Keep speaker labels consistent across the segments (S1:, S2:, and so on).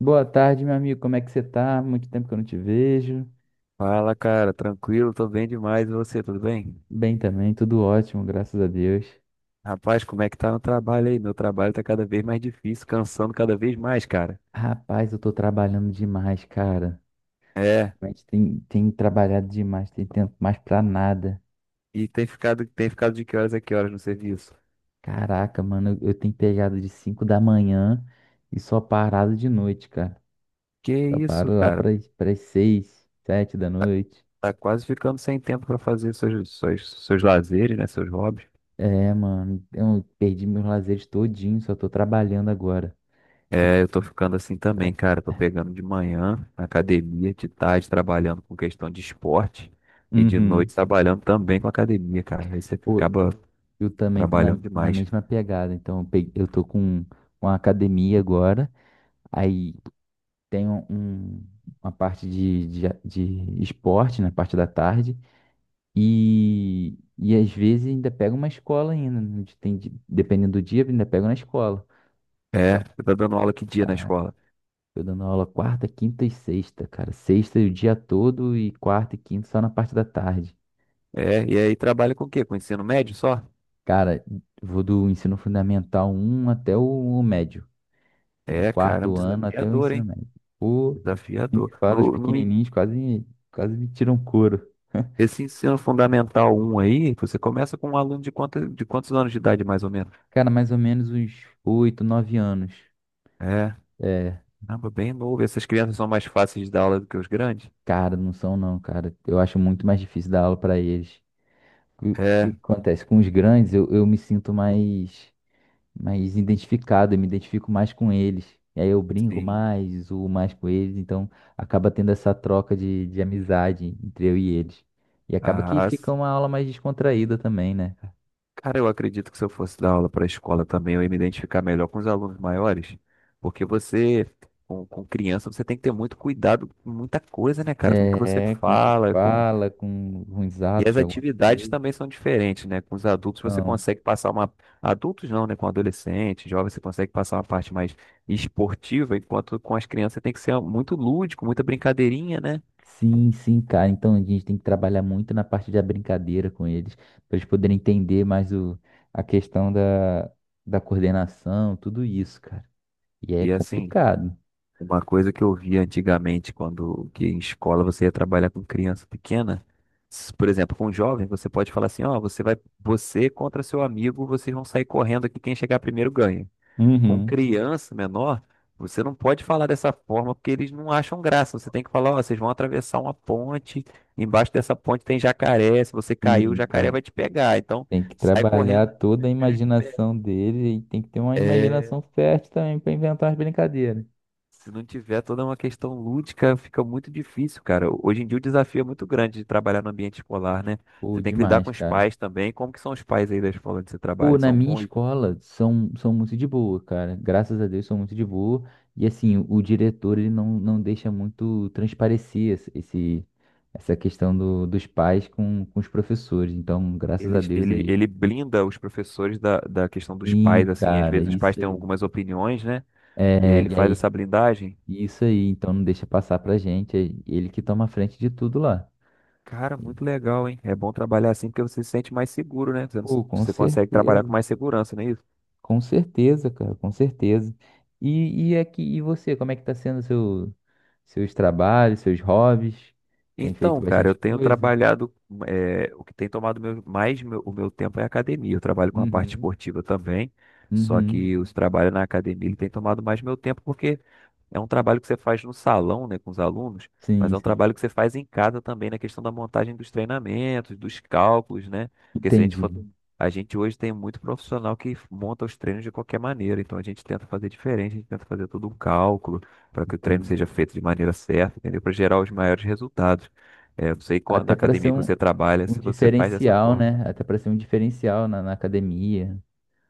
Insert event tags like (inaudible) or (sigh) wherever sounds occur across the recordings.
S1: Boa tarde, meu amigo. Como é que você tá? Muito tempo que eu não te vejo.
S2: Fala, cara, tranquilo, tô bem demais. E você, tudo bem?
S1: Bem também, tudo ótimo, graças a Deus.
S2: Rapaz, como é que tá no trabalho aí? Meu trabalho tá cada vez mais difícil, cansando cada vez mais, cara.
S1: Rapaz, eu tô trabalhando demais, cara.
S2: É,
S1: Ultimamente tem trabalhado demais, tem tempo mais pra nada.
S2: e tem ficado de que horas a que horas no serviço?
S1: Caraca, mano, eu tenho pegado de 5 da manhã e só parado de noite, cara.
S2: Que
S1: Só
S2: isso,
S1: paro lá
S2: cara?
S1: pras seis, sete da noite.
S2: Tá quase ficando sem tempo pra fazer seus, seus lazeres, né? Seus hobbies.
S1: É, mano, eu perdi meus lazeres todinho, só tô trabalhando agora. Então,
S2: É, eu tô ficando assim também,
S1: pra-
S2: cara. Tô pegando de manhã na academia, de tarde trabalhando com questão de esporte e de
S1: uhum.
S2: noite trabalhando também com academia, cara. Aí você acaba
S1: Eu também tô na,
S2: trabalhando
S1: na
S2: demais.
S1: mesma pegada. Então, eu tô com uma academia agora. Aí tem uma parte de esporte na parte da tarde. E às vezes ainda pego uma escola ainda. Né? Tem, dependendo do dia, ainda pego na escola.
S2: É,
S1: Então,
S2: você tá dando aula que dia na
S1: caraca,
S2: escola?
S1: tô dando aula quarta, quinta e sexta, cara. Sexta o dia todo e quarta e quinta só na parte da tarde.
S2: É, e aí trabalha com o quê? Com ensino médio só?
S1: Cara, vou do ensino fundamental um até o médio. Que é
S2: É, caramba,
S1: quarto ano até o
S2: desafiador,
S1: ensino
S2: hein?
S1: médio. Pô, nem me
S2: Desafiador.
S1: fala, os
S2: No, no, en-
S1: pequenininhos quase, quase me tiram couro. (laughs)
S2: Esse ensino fundamental um aí, você começa com um aluno de quanto, de quantos anos de idade, mais ou menos?
S1: Cara, mais ou menos uns oito, nove anos.
S2: É,
S1: É,
S2: caramba, bem novo. Essas crianças são mais fáceis de dar aula do que os grandes?
S1: cara, não são não, cara. Eu acho muito mais difícil dar aula pra eles. O que
S2: É,
S1: que acontece? Com os grandes, eu me sinto mais, mais identificado, eu me identifico mais com eles. E aí eu brinco
S2: sim.
S1: mais, zoo mais com eles, então acaba tendo essa troca de amizade entre eu e eles. E acaba que
S2: Ah,
S1: fica uma aula mais descontraída também, né?
S2: cara, eu acredito que se eu fosse dar aula para a escola também, eu ia me identificar melhor com os alunos maiores, porque você, com criança, você tem que ter muito cuidado com muita coisa, né, cara? Com o que você
S1: É, com o que
S2: fala, com...
S1: fala, com ruins
S2: E
S1: atos
S2: as
S1: de alguma
S2: atividades
S1: coisa.
S2: também são diferentes, né? Com os adultos você
S1: Então,
S2: consegue passar uma... Adultos não, né? Com adolescente, jovem, você consegue passar uma parte mais esportiva, enquanto com as crianças você tem que ser muito lúdico, muita brincadeirinha, né?
S1: sim, sim, cara. Então a gente tem que trabalhar muito na parte da brincadeira com eles, para eles poderem entender mais o, a questão da coordenação, tudo isso, cara. E é
S2: E assim,
S1: complicado.
S2: uma coisa que eu via antigamente, quando que em escola você ia trabalhar com criança pequena, por exemplo, com jovem, você pode falar assim, ó, você vai, você contra seu amigo, vocês vão sair correndo aqui, quem chegar primeiro ganha. Com
S1: Uhum.
S2: criança menor, você não pode falar dessa forma porque eles não acham graça. Você tem que falar, ó, vocês vão atravessar uma ponte, embaixo dessa ponte tem jacaré, se você cair, o
S1: Sim,
S2: jacaré
S1: cara.
S2: vai te pegar. Então,
S1: Tem que
S2: sai
S1: trabalhar
S2: correndo.
S1: toda a imaginação dele e tem que ter uma
S2: É,
S1: imaginação fértil também para inventar as brincadeiras.
S2: se não tiver toda uma questão lúdica, fica muito difícil, cara. Hoje em dia o desafio é muito grande de trabalhar no ambiente escolar, né?
S1: Pô,
S2: Você tem que lidar
S1: demais,
S2: com os
S1: cara.
S2: pais também. Como que são os pais aí da escola onde você trabalha?
S1: Pô, na
S2: São
S1: minha
S2: bons?
S1: escola são, são muito de boa, cara. Graças a Deus são muito de boa. E assim, o diretor ele não deixa muito transparecer essa questão do, dos pais com os professores. Então, graças a
S2: Eles,
S1: Deus
S2: ele,
S1: aí.
S2: ele blinda os professores da, da questão dos
S1: Sim,
S2: pais, assim. Às
S1: cara,
S2: vezes os pais
S1: isso
S2: têm
S1: aí.
S2: algumas opiniões, né? E aí
S1: É,
S2: ele
S1: e
S2: faz
S1: aí,
S2: essa blindagem.
S1: isso aí. Então, não deixa passar pra gente. É ele que toma a frente de tudo lá.
S2: Cara, muito legal, hein? É bom trabalhar assim porque você se sente mais seguro, né? Você,
S1: Pô, com
S2: você consegue trabalhar com
S1: certeza.
S2: mais segurança, não é isso?
S1: Com certeza, cara, com certeza. E aqui, e você, como é que tá sendo seu, seus trabalhos, seus hobbies? Tem feito
S2: Então, cara,
S1: bastante
S2: eu tenho
S1: coisa?
S2: trabalhado, o que tem tomado o meu tempo é a academia. Eu trabalho com a parte
S1: Uhum,
S2: esportiva também, só
S1: uhum.
S2: que os trabalhos na academia ele tem tomado mais meu tempo porque é um trabalho que você faz no salão, né, com os alunos, mas
S1: Sim,
S2: é um
S1: sim.
S2: trabalho que você faz em casa também na questão da montagem dos treinamentos, dos cálculos, né? Porque se a gente for,
S1: Entendi,
S2: a gente hoje tem muito profissional que monta os treinos de qualquer maneira, então a gente tenta fazer diferente, a gente tenta fazer todo um cálculo para que o treino seja
S1: entendi.
S2: feito de maneira certa, entendeu? Para gerar os maiores resultados. É, eu sei
S1: Até
S2: na
S1: para ser
S2: academia que
S1: um,
S2: você trabalha,
S1: um
S2: se você faz dessa
S1: diferencial,
S2: forma.
S1: né? Até para ser um diferencial na academia.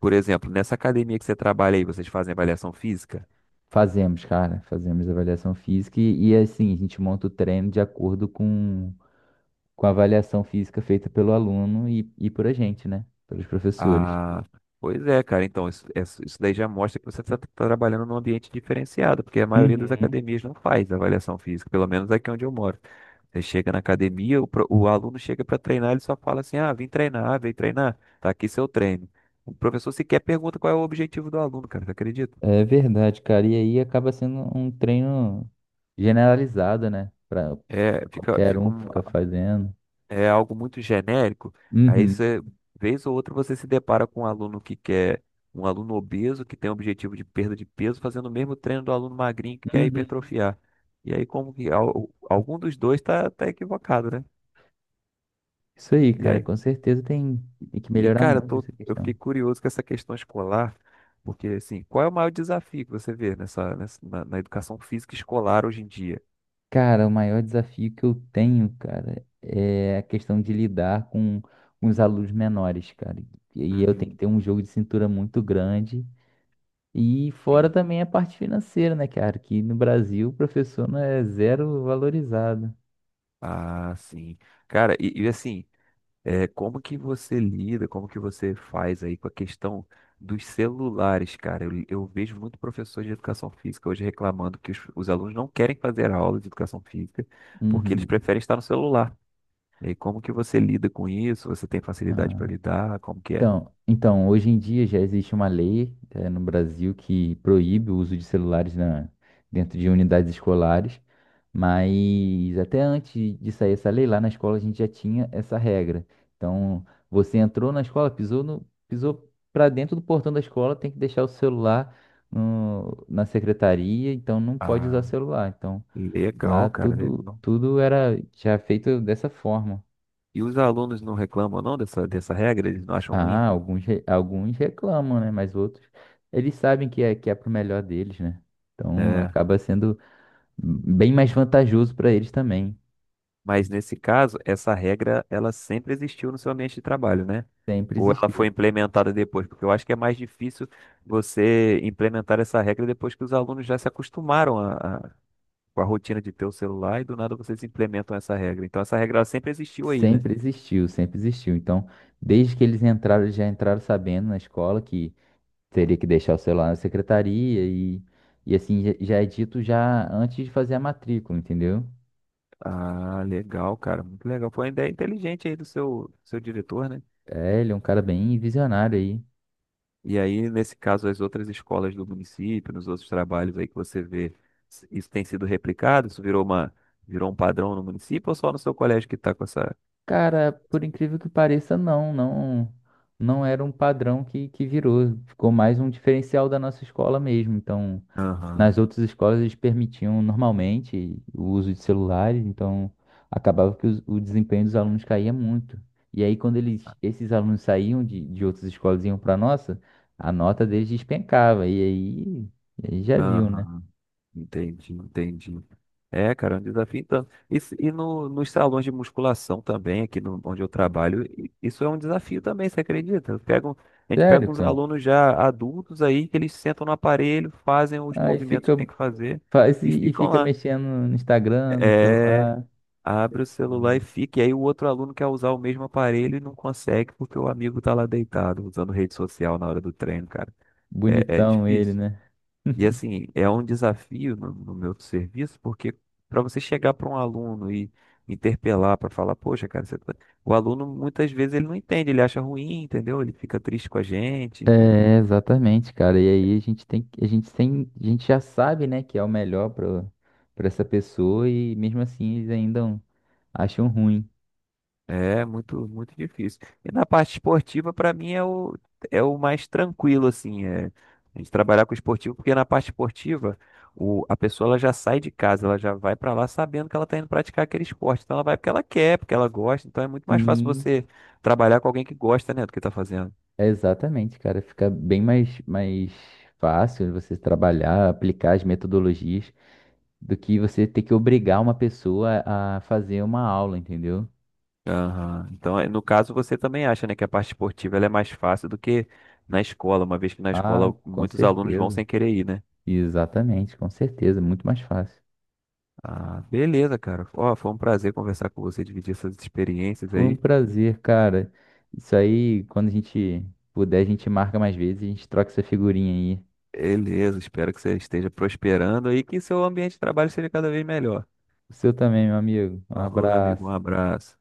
S2: Por exemplo, nessa academia que você trabalha aí, vocês fazem avaliação física?
S1: Fazemos, cara, fazemos avaliação física e, assim, a gente monta o treino de acordo com a avaliação física feita pelo aluno e por a gente, né? Pelos professores.
S2: Ah, pois é, cara. Então, isso, isso daí já mostra que você está trabalhando num ambiente diferenciado, porque a maioria das
S1: Uhum.
S2: academias não faz avaliação física, pelo menos aqui onde eu moro. Você chega na academia, o aluno chega para treinar, ele só fala assim: ah, vim treinar, ah, vem treinar, tá aqui seu treino. O professor sequer pergunta qual é o objetivo do aluno, cara, você acredita?
S1: É verdade, cara. E aí acaba sendo um treino generalizado, né? Pra
S2: É, fica,
S1: qualquer
S2: fica
S1: um
S2: um-
S1: ficar fazendo.
S2: É algo muito genérico, aí
S1: Uhum.
S2: você, vez ou outra, você se depara com um aluno que quer, um aluno obeso que tem o objetivo de perda de peso, fazendo o mesmo treino do aluno magrinho que quer
S1: Uhum.
S2: hipertrofiar. E aí, como que algum dos dois tá, tá equivocado, né?
S1: Isso aí,
S2: E
S1: cara.
S2: aí,
S1: Com certeza tem, tem que
S2: e
S1: melhorar
S2: cara, eu
S1: muito
S2: tô,
S1: essa
S2: eu fiquei
S1: questão.
S2: curioso com essa questão escolar, porque assim, qual é o maior desafio que você vê na educação física escolar hoje em dia?
S1: Cara, o maior desafio que eu tenho, cara, é a questão de lidar com os alunos menores, cara. E eu tenho que
S2: Uhum.
S1: ter um jogo de cintura muito grande. E fora
S2: Sim.
S1: também a parte financeira, né, cara? Que no Brasil o professor não é zero valorizado.
S2: Ah, sim. Cara, e assim, é, como que você lida, como que você faz aí com a questão dos celulares, cara? Eu vejo muito professor de educação física hoje reclamando que os alunos não querem fazer aula de educação física porque eles
S1: Uhum.
S2: preferem estar no celular. E aí, como que você lida com isso? Você tem facilidade para
S1: Ah.
S2: lidar? Como que é?
S1: Então, hoje em dia já existe uma lei, no Brasil que proíbe o uso de celulares dentro de unidades escolares, mas até antes de sair essa lei, lá na escola a gente já tinha essa regra. Então, você entrou na escola, pisou no, pisou para dentro do portão da escola, tem que deixar o celular na secretaria, então não pode usar
S2: Ah,
S1: celular. Então, lá
S2: legal, cara,
S1: tudo,
S2: legal.
S1: tudo era já feito dessa forma.
S2: E os alunos não reclamam não dessa, dessa regra? Eles não acham ruim?
S1: Ah, alguns reclamam, né? Mas outros, eles sabem que é pro melhor deles, né? Então
S2: É.
S1: acaba sendo bem mais vantajoso para eles também.
S2: Mas nesse caso, essa regra, ela sempre existiu no seu ambiente de trabalho, né?
S1: Sempre
S2: Ou ela foi
S1: existiu.
S2: implementada depois? Porque eu acho que é mais difícil você implementar essa regra depois que os alunos já se acostumaram com a rotina de ter o celular e do nada vocês implementam essa regra. Então essa regra ela sempre existiu aí, né?
S1: Sempre existiu, sempre existiu. Então, desde que eles entraram, eles já entraram sabendo na escola que teria que deixar o celular na secretaria e assim, já já é dito já antes de fazer a matrícula, entendeu?
S2: Ah, legal, cara. Muito legal. Foi uma ideia inteligente aí do seu, seu diretor, né?
S1: É, ele é um cara bem visionário aí.
S2: E aí, nesse caso, as outras escolas do município, nos outros trabalhos aí que você vê, isso tem sido replicado? Isso virou uma, virou um padrão no município ou só no seu colégio que está com essa.
S1: Cara, por incrível que pareça, não, não, não era um padrão que virou. Ficou mais um diferencial da nossa escola mesmo. Então,
S2: Aham,
S1: nas outras escolas eles permitiam normalmente o uso de celulares, então acabava que o desempenho dos alunos caía muito. E aí, quando eles, esses alunos saíam de outras escolas e iam para nossa, a nota deles despencava. E aí já viu, né?
S2: aham, entendi, entendi. É, cara, é um desafio tanto. E no, nos salões de musculação também, aqui no, onde eu trabalho, isso é um desafio também, você acredita? A gente pega
S1: Sério,
S2: uns
S1: cara.
S2: alunos já adultos aí, que eles sentam no aparelho, fazem os
S1: Aí
S2: movimentos
S1: fica,
S2: que tem que fazer
S1: faz
S2: e
S1: e
S2: ficam
S1: fica
S2: lá.
S1: mexendo no Instagram, no
S2: É.
S1: celular.
S2: Abre o celular e fica. E aí o outro aluno quer usar o mesmo aparelho e não consegue porque o amigo tá lá deitado usando rede social na hora do treino, cara. É, é
S1: Bonitão ele,
S2: difícil.
S1: né?
S2: E assim, é um desafio no, no meu serviço, porque para você chegar para um aluno e interpelar para falar, poxa, cara, você o aluno muitas vezes ele não entende, ele acha ruim, entendeu? Ele fica triste com a gente.
S1: É, exatamente, cara. E aí a gente a gente tem, a gente já sabe, né, que é o melhor para para essa pessoa e mesmo assim eles ainda acham ruim.
S2: É muito, muito difícil. E na parte esportiva, para mim, é o, é o mais tranquilo, assim, é, a gente trabalhar com esportivo, porque na parte esportiva, a pessoa ela já sai de casa, ela já vai para lá sabendo que ela está indo praticar aquele esporte. Então ela vai porque ela quer, porque ela gosta. Então é muito mais fácil
S1: Sim.
S2: você trabalhar com alguém que gosta, né, do que está fazendo.
S1: Exatamente, cara. Fica bem mais, mais fácil você trabalhar, aplicar as metodologias do que você ter que obrigar uma pessoa a fazer uma aula, entendeu?
S2: Aham. Então, no caso, você também acha, né, que a parte esportiva ela é mais fácil do que na escola, uma vez que na
S1: Ah,
S2: escola
S1: com
S2: muitos alunos vão
S1: certeza.
S2: sem querer ir, né?
S1: Exatamente, com certeza. Muito mais fácil.
S2: Ah, beleza, cara. Ó, foi um prazer conversar com você, dividir essas experiências
S1: Foi um
S2: aí.
S1: prazer, cara. Isso aí, quando a gente puder, a gente marca mais vezes, a gente troca essa figurinha aí.
S2: Beleza, espero que você esteja prosperando aí e que seu ambiente de trabalho seja cada vez melhor.
S1: O seu também, meu amigo. Um
S2: Falou, meu amigo, um
S1: abraço.
S2: abraço.